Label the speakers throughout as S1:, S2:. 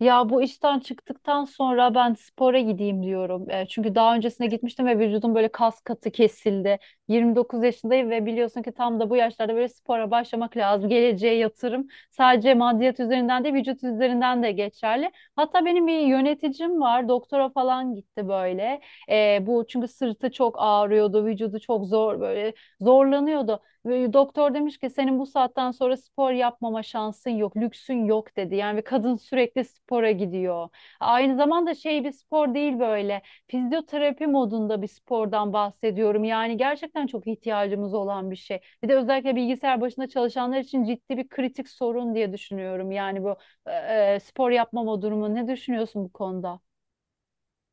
S1: Ya bu işten çıktıktan sonra ben spora gideyim diyorum. Çünkü daha öncesine gitmiştim ve vücudum böyle kas katı kesildi. 29 yaşındayım ve biliyorsun ki tam da bu yaşlarda böyle spora başlamak lazım. Geleceğe yatırım sadece maddiyat üzerinden değil vücut üzerinden de geçerli. Hatta benim bir yöneticim var. Doktora falan gitti böyle. Bu çünkü sırtı çok ağrıyordu, vücudu çok zor böyle zorlanıyordu ve doktor demiş ki senin bu saatten sonra spor yapmama şansın yok, lüksün yok dedi. Yani ve kadın sürekli spora gidiyor. Aynı zamanda şey bir spor değil böyle. Fizyoterapi modunda bir spordan bahsediyorum. Yani gerçekten çok ihtiyacımız olan bir şey. Bir de özellikle bilgisayar başında çalışanlar için ciddi bir kritik sorun diye düşünüyorum. Yani bu e, spor yapmama durumu. Ne düşünüyorsun bu konuda?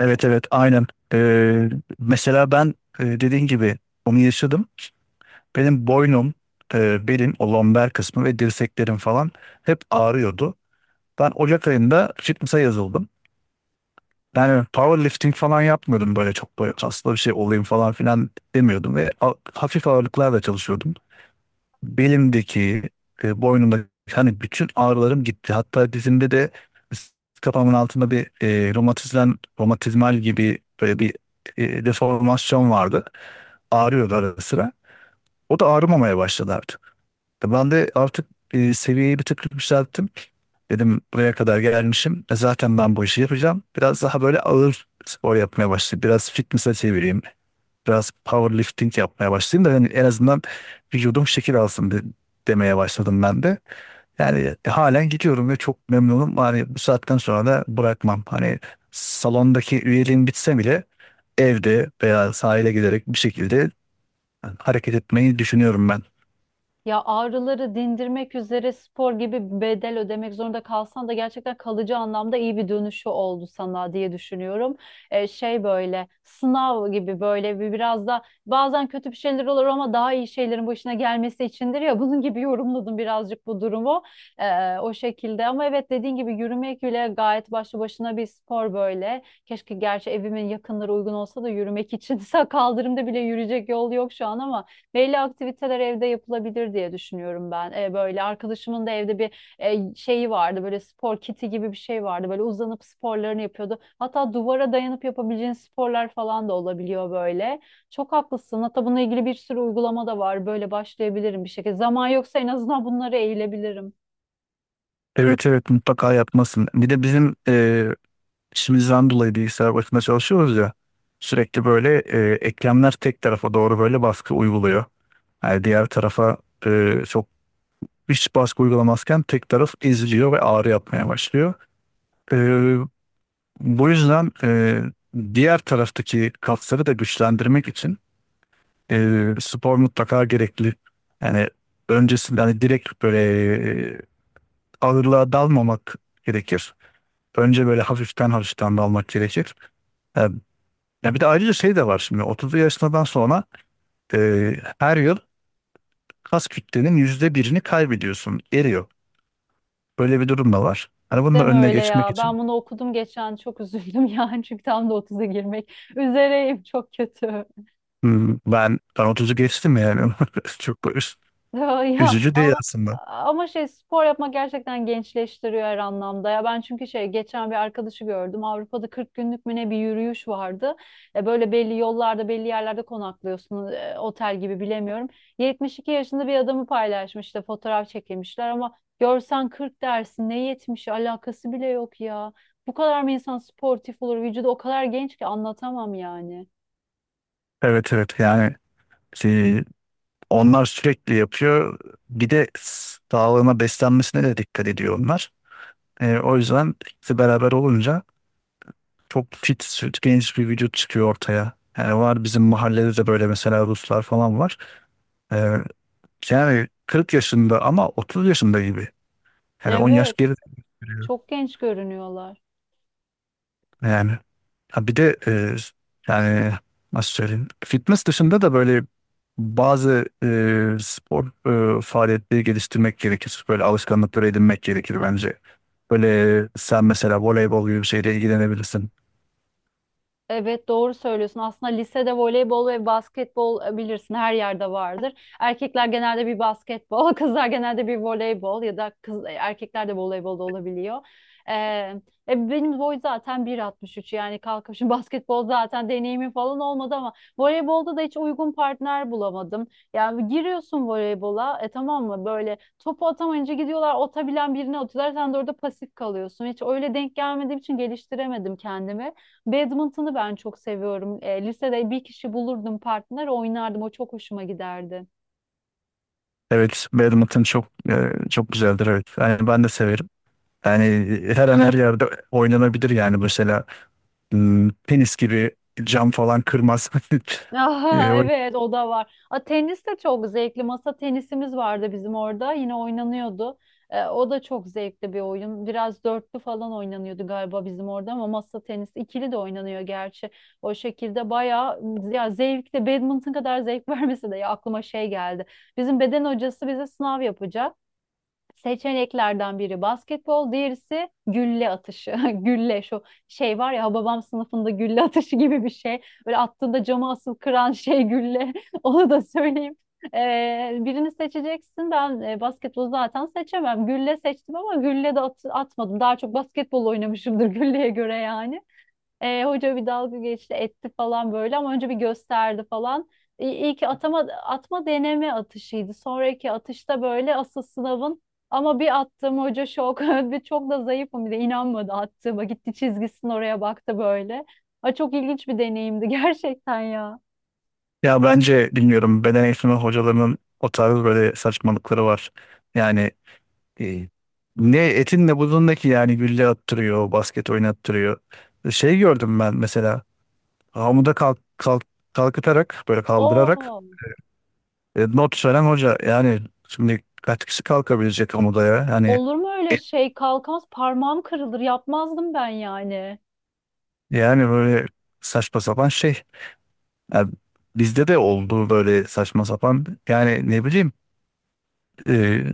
S2: Evet evet aynen. Ee, Mesela ben dediğin gibi onu yaşadım. Benim boynum, belim, o lomber kısmı ve dirseklerim falan hep ağrıyordu. Ben Ocak ayında fitness'a yazıldım. Yani powerlifting falan yapmıyordum, böyle çok böyle kaslı bir şey olayım falan filan demiyordum ve hafif ağırlıklarla çalışıyordum. Belimdeki, boynumdaki hani bütün ağrılarım gitti. Hatta dizimde de kafamın altında bir romatizmal, romatizmal gibi böyle bir deformasyon vardı. Ağrıyordu ara sıra. O da ağrımamaya başladı artık. Ben de artık seviyeyi bir tık yükselttim. Dedim buraya kadar gelmişim. Zaten ben bu işi yapacağım. Biraz daha böyle ağır spor yapmaya başladım. Biraz fitness'a çevireyim, biraz powerlifting yapmaya başlayayım da yani en azından vücudum şekil alsın demeye başladım ben de. Yani halen gidiyorum ve çok memnunum. Hani bu saatten sonra da bırakmam. Hani salondaki üyeliğim bitse bile evde veya sahile giderek bir şekilde hareket etmeyi düşünüyorum ben.
S1: Ya ağrıları dindirmek üzere spor gibi bir bedel ödemek zorunda kalsan da gerçekten kalıcı anlamda iyi bir dönüşü oldu sana diye düşünüyorum. Şey böyle sınav gibi böyle bir biraz da bazen kötü bir şeyler olur ama daha iyi şeylerin başına gelmesi içindir ya bunun gibi yorumladım birazcık bu durumu. O şekilde. Ama evet dediğin gibi yürümek bile gayet başlı başına bir spor böyle. Keşke gerçi evimin yakınları uygun olsa da yürümek için kaldırımda bile yürüyecek yol yok şu an ama belli aktiviteler evde yapılabilir diye düşünüyorum ben. Böyle arkadaşımın da evde bir şeyi vardı. Böyle spor kiti gibi bir şey vardı. Böyle uzanıp sporlarını yapıyordu. Hatta duvara dayanıp yapabileceğin sporlar falan da olabiliyor böyle. Çok haklısın. Hatta bununla ilgili bir sürü uygulama da var. Böyle başlayabilirim bir şekilde. Zaman yoksa en azından bunlara eğilebilirim.
S2: Evet evet, mutlaka yapmasın. Bir de bizim işimizden dolayı bilgisayar başında çalışıyoruz ya, sürekli böyle eklemler tek tarafa doğru böyle baskı uyguluyor. Yani diğer tarafa çok hiç baskı uygulamazken tek taraf eziliyor ve ağrı yapmaya başlıyor. Ee, Bu yüzden diğer taraftaki kasları da güçlendirmek için spor mutlaka gerekli. Yani öncesinde hani direkt böyle e, ağırlığa dalmamak gerekir. Önce böyle hafiften hafiften dalmak gerekir. Yani, ya bir de ayrıca şey de var, şimdi 30'lu yaşından sonra e, her yıl kas kütlenin %1'ini kaybediyorsun, eriyor. Böyle bir durum da var. Hani
S1: Of
S2: bunun da
S1: deme
S2: önüne
S1: öyle
S2: geçmek
S1: ya. Ben
S2: için.
S1: bunu okudum geçen çok üzüldüm yani çünkü tam da 30'a girmek üzereyim çok kötü.
S2: Hmm, ben 30'u geçtim yani. Çok böyle
S1: Ya ya,
S2: üzücü değil
S1: ama
S2: aslında.
S1: ama şey spor yapmak gerçekten gençleştiriyor her anlamda. Ya ben çünkü şey geçen bir arkadaşı gördüm. Avrupa'da 40 günlük mü ne bir yürüyüş vardı. Böyle belli yollarda, belli yerlerde konaklıyorsun. Otel gibi bilemiyorum. 72 yaşında bir adamı paylaşmış işte fotoğraf çekilmişler ama görsen 40 dersin. Ne 70'i alakası bile yok ya. Bu kadar mı insan sportif olur? Vücudu o kadar genç ki anlatamam yani.
S2: Evet evet, yani şey, onlar sürekli yapıyor. Bir de sağlığına, beslenmesine de dikkat ediyor onlar. O yüzden ikisi beraber olunca çok fit, süt, genç bir vücut çıkıyor ortaya. Yani var bizim mahallede de böyle, mesela Ruslar falan var. Ee, Yani 40 yaşında ama 30 yaşında gibi. Yani 10 yaş
S1: Evet,
S2: geride.
S1: çok genç görünüyorlar.
S2: Yani ha bir de yani nasıl söyleyeyim? Fitness dışında da böyle bazı spor faaliyetleri geliştirmek gerekir. Böyle alışkanlıkları edinmek gerekir bence. Böyle sen mesela voleybol gibi bir şeyle ilgilenebilirsin.
S1: Evet doğru söylüyorsun. Aslında lisede voleybol ve basketbol bilirsin her yerde vardır. Erkekler genelde bir basketbol, kızlar genelde bir voleybol ya da kız erkekler de voleybolda olabiliyor. Ee, benim boy zaten 1.63 yani kalkıp şimdi basketbol zaten deneyimim falan olmadı ama voleybolda da hiç uygun partner bulamadım. Yani giriyorsun voleybola tamam mı böyle topu atamayınca gidiyorlar atabilen birine atıyorlar sen de orada pasif kalıyorsun. Hiç öyle denk gelmediğim için geliştiremedim kendimi. Badminton'u ben çok seviyorum. Lisede bir kişi bulurdum partner oynardım. O çok hoşuma giderdi.
S2: Evet, badminton çok çok güzeldir evet. Yani ben de severim. Yani her an her yerde oynanabilir yani, mesela tenis gibi cam falan kırmaz. E,
S1: Aha,
S2: o-
S1: evet o da var. Tenis de çok zevkli. Masa tenisimiz vardı bizim orada. Yine oynanıyordu. O da çok zevkli bir oyun. Biraz dörtlü falan oynanıyordu galiba bizim orada ama masa tenisi ikili de oynanıyor gerçi. O şekilde bayağı ya zevkli. Badminton kadar zevk vermesi de ya aklıma şey geldi. Bizim beden hocası bize sınav yapacak. Seçeneklerden biri basketbol, diğerisi gülle atışı. Gülle şu şey var ya Hababam sınıfında gülle atışı gibi bir şey. Böyle attığında cama asıl kıran şey gülle. Onu da söyleyeyim. Birini seçeceksin. Ben basketbolu zaten seçemem. Gülle seçtim ama gülle de atmadım. Daha çok basketbol oynamışımdır gülleye göre yani. Hoca bir dalga geçti etti falan böyle ama önce bir gösterdi falan. İyi, ki atma deneme atışıydı. Sonraki atışta böyle asıl sınavın ama bir attım hoca şok. Bir çok da zayıfım bir de inanmadı attığıma. Gitti çizgisinin oraya baktı böyle. Ay, çok ilginç bir deneyimdi gerçekten ya.
S2: Ya bence bilmiyorum, beden eğitimi hocalarının o tarz böyle saçmalıkları var. Yani e, ne etin ne budundaki, yani gülle attırıyor, basket oynattırıyor. Şey gördüm ben mesela, hamuda kalk, kalk, kalkıtarak böyle, kaldırarak
S1: Oo,
S2: not veren hoca. Yani şimdi kaç kişi kalkabilecek hamuda ya? Yani
S1: olur mu öyle şey? Kalkamaz parmağım kırılır. Yapmazdım ben yani.
S2: böyle saçma sapan şey. Yani bizde de oldu böyle saçma sapan. Yani ne bileyim, e,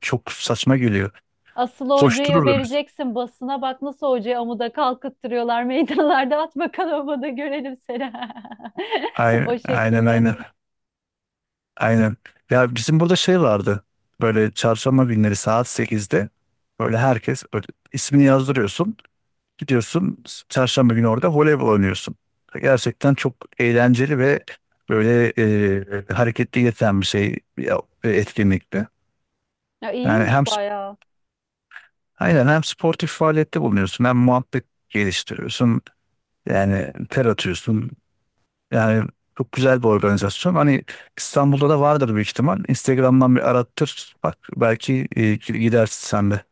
S2: çok saçma geliyor.
S1: Asıl hocayı
S2: Koştururdu biz.
S1: vereceksin basına bak nasıl hocayı amuda kalkıttırıyorlar meydanlarda at bakalım amuda görelim seni. O
S2: Aynen
S1: şekilde.
S2: aynen. Aynen. Ya bizim burada şey vardı. Böyle çarşamba günleri saat 8'de böyle herkes böyle ismini yazdırıyorsun. Gidiyorsun çarşamba günü orada voleybol oynuyorsun. Gerçekten çok eğlenceli ve böyle hareketli geçen bir şey ya, etkinlikti.
S1: Ya
S2: Yani hem,
S1: iyiymiş bayağı.
S2: aynen, hem sportif faaliyette bulunuyorsun hem muhabbet geliştiriyorsun. Yani ter atıyorsun. Yani çok güzel bir organizasyon. Hani İstanbul'da da vardır büyük ihtimal. Instagram'dan bir arattır. Bak belki gidersin sen de.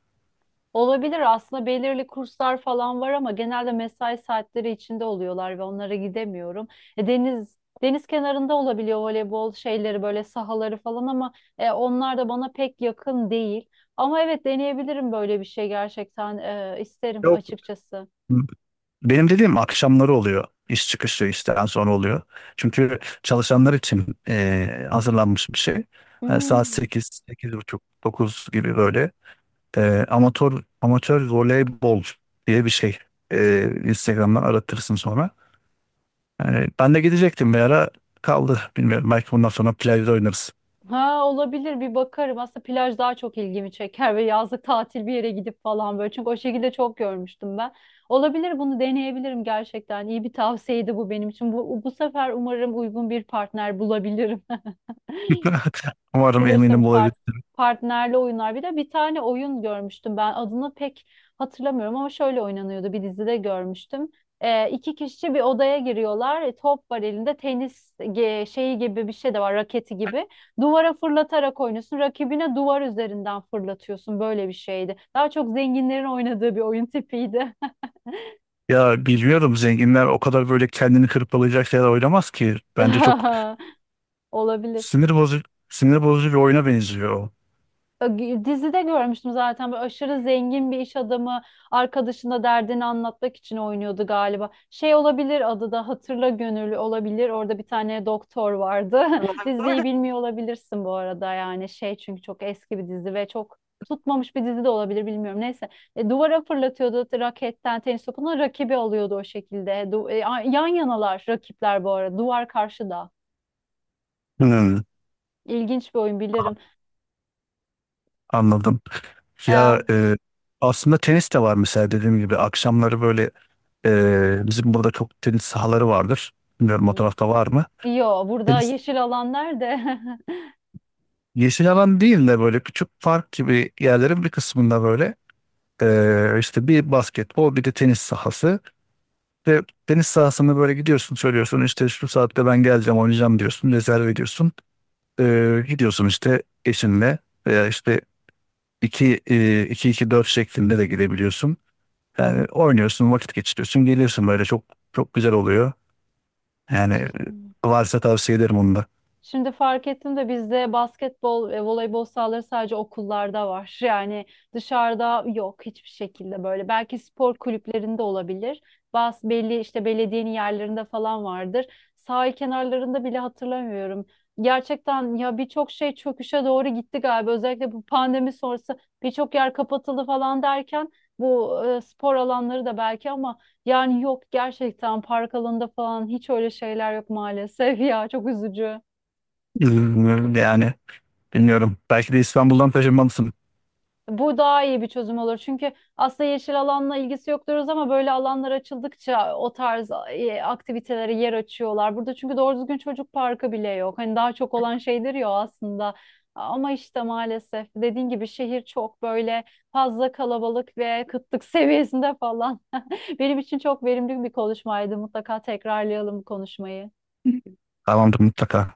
S1: Olabilir aslında belirli kurslar falan var ama genelde mesai saatleri içinde oluyorlar ve onlara gidemiyorum. Deniz kenarında olabiliyor voleybol şeyleri böyle sahaları falan ama onlar da bana pek yakın değil. Ama evet deneyebilirim böyle bir şey gerçekten isterim
S2: Yok.
S1: açıkçası.
S2: Benim dediğim akşamları oluyor. İş çıkışı, işten sonra oluyor. Çünkü çalışanlar için hazırlanmış bir şey. Yani saat
S1: Hmm.
S2: sekiz, sekiz buçuk, 9 gibi böyle. Amatör amatör voleybol diye bir şey. Instagram'dan aratırsın sonra. Yani ben de gidecektim bir ara, kaldı. Bilmiyorum, belki bundan sonra plajda oynarız.
S1: Ha olabilir bir bakarım. Aslında plaj daha çok ilgimi çeker ve yazlık tatil bir yere gidip falan böyle. Çünkü o şekilde çok görmüştüm ben. Olabilir bunu deneyebilirim gerçekten. İyi bir tavsiyeydi bu benim için. Bu sefer umarım uygun bir partner bulabilirim.
S2: Umarım,
S1: Bilirsin
S2: eminim olabilir.
S1: partnerli oyunlar. Bir de bir tane oyun görmüştüm ben adını pek hatırlamıyorum ama şöyle oynanıyordu bir dizide görmüştüm. İki kişi bir odaya giriyorlar. Top var elinde tenis şeyi gibi bir şey de var raketi gibi. Duvara fırlatarak oynuyorsun. Rakibine duvar üzerinden fırlatıyorsun. Böyle bir şeydi. Daha çok zenginlerin oynadığı bir oyun tipiydi.
S2: Ya bilmiyorum, zenginler o kadar böyle kendini hırpalayacak şeyler oynamaz ki. Bence çok
S1: Olabilir.
S2: sinir bozucu sinir bozucu bir oyuna benziyor. O.
S1: Dizide görmüştüm zaten böyle aşırı zengin bir iş adamı arkadaşına derdini anlatmak için oynuyordu galiba. Şey olabilir adı da Hatırla Gönüllü olabilir. Orada bir tane doktor vardı. Diziyi bilmiyor olabilirsin bu arada yani şey çünkü çok eski bir dizi ve çok tutmamış bir dizi de olabilir bilmiyorum. Neyse. Duvara fırlatıyordu raketten tenis topunu rakibi alıyordu o şekilde. Yan yanalar rakipler bu arada duvar karşıda.
S2: Hmm,
S1: İlginç bir oyun bilirim.
S2: anladım.
S1: Hı
S2: Ya, aslında tenis de var mesela, dediğim gibi akşamları böyle. Bizim burada çok tenis sahaları vardır. Bilmiyorum, o
S1: hı.
S2: tarafta var mı?
S1: Yo burada
S2: Tenis
S1: yeşil alan nerede?
S2: yeşil alan değil de böyle küçük park gibi yerlerin bir kısmında böyle işte bir basketbol, bir de tenis sahası. Ve tenis sahasını böyle gidiyorsun, söylüyorsun işte şu saatte ben geleceğim, oynayacağım diyorsun, rezerv ediyorsun. Gidiyorsun işte eşinle veya işte iki, 2 iki, 4 şeklinde de gidebiliyorsun. Yani oynuyorsun, vakit geçiriyorsun, geliyorsun, böyle çok çok güzel oluyor. Yani varsa tavsiye ederim onu da.
S1: Şimdi fark ettim de bizde basketbol ve voleybol sahaları sadece okullarda var. Yani dışarıda yok hiçbir şekilde böyle. Belki spor kulüplerinde olabilir. Bazı belli işte belediyenin yerlerinde falan vardır. Sahil kenarlarında bile hatırlamıyorum. Gerçekten ya birçok şey çöküşe doğru gitti galiba. Özellikle bu pandemi sonrası birçok yer kapatıldı falan derken bu spor alanları da belki ama yani yok gerçekten park alanında falan hiç öyle şeyler yok maalesef ya çok üzücü.
S2: Ee, Yani bilmiyorum. Belki de İstanbul'dan taşınmalısın.
S1: Bu daha iyi bir çözüm olur. Çünkü aslında yeşil alanla ilgisi yok diyoruz ama böyle alanlar açıldıkça o tarz aktivitelere yer açıyorlar. Burada çünkü doğru düzgün çocuk parkı bile yok. Hani daha çok olan şeydir ya o aslında. Ama işte maalesef dediğin gibi şehir çok böyle fazla kalabalık ve kıtlık seviyesinde falan. Benim için çok verimli bir konuşmaydı. Mutlaka tekrarlayalım bu konuşmayı.
S2: Tamamdır, mutlaka.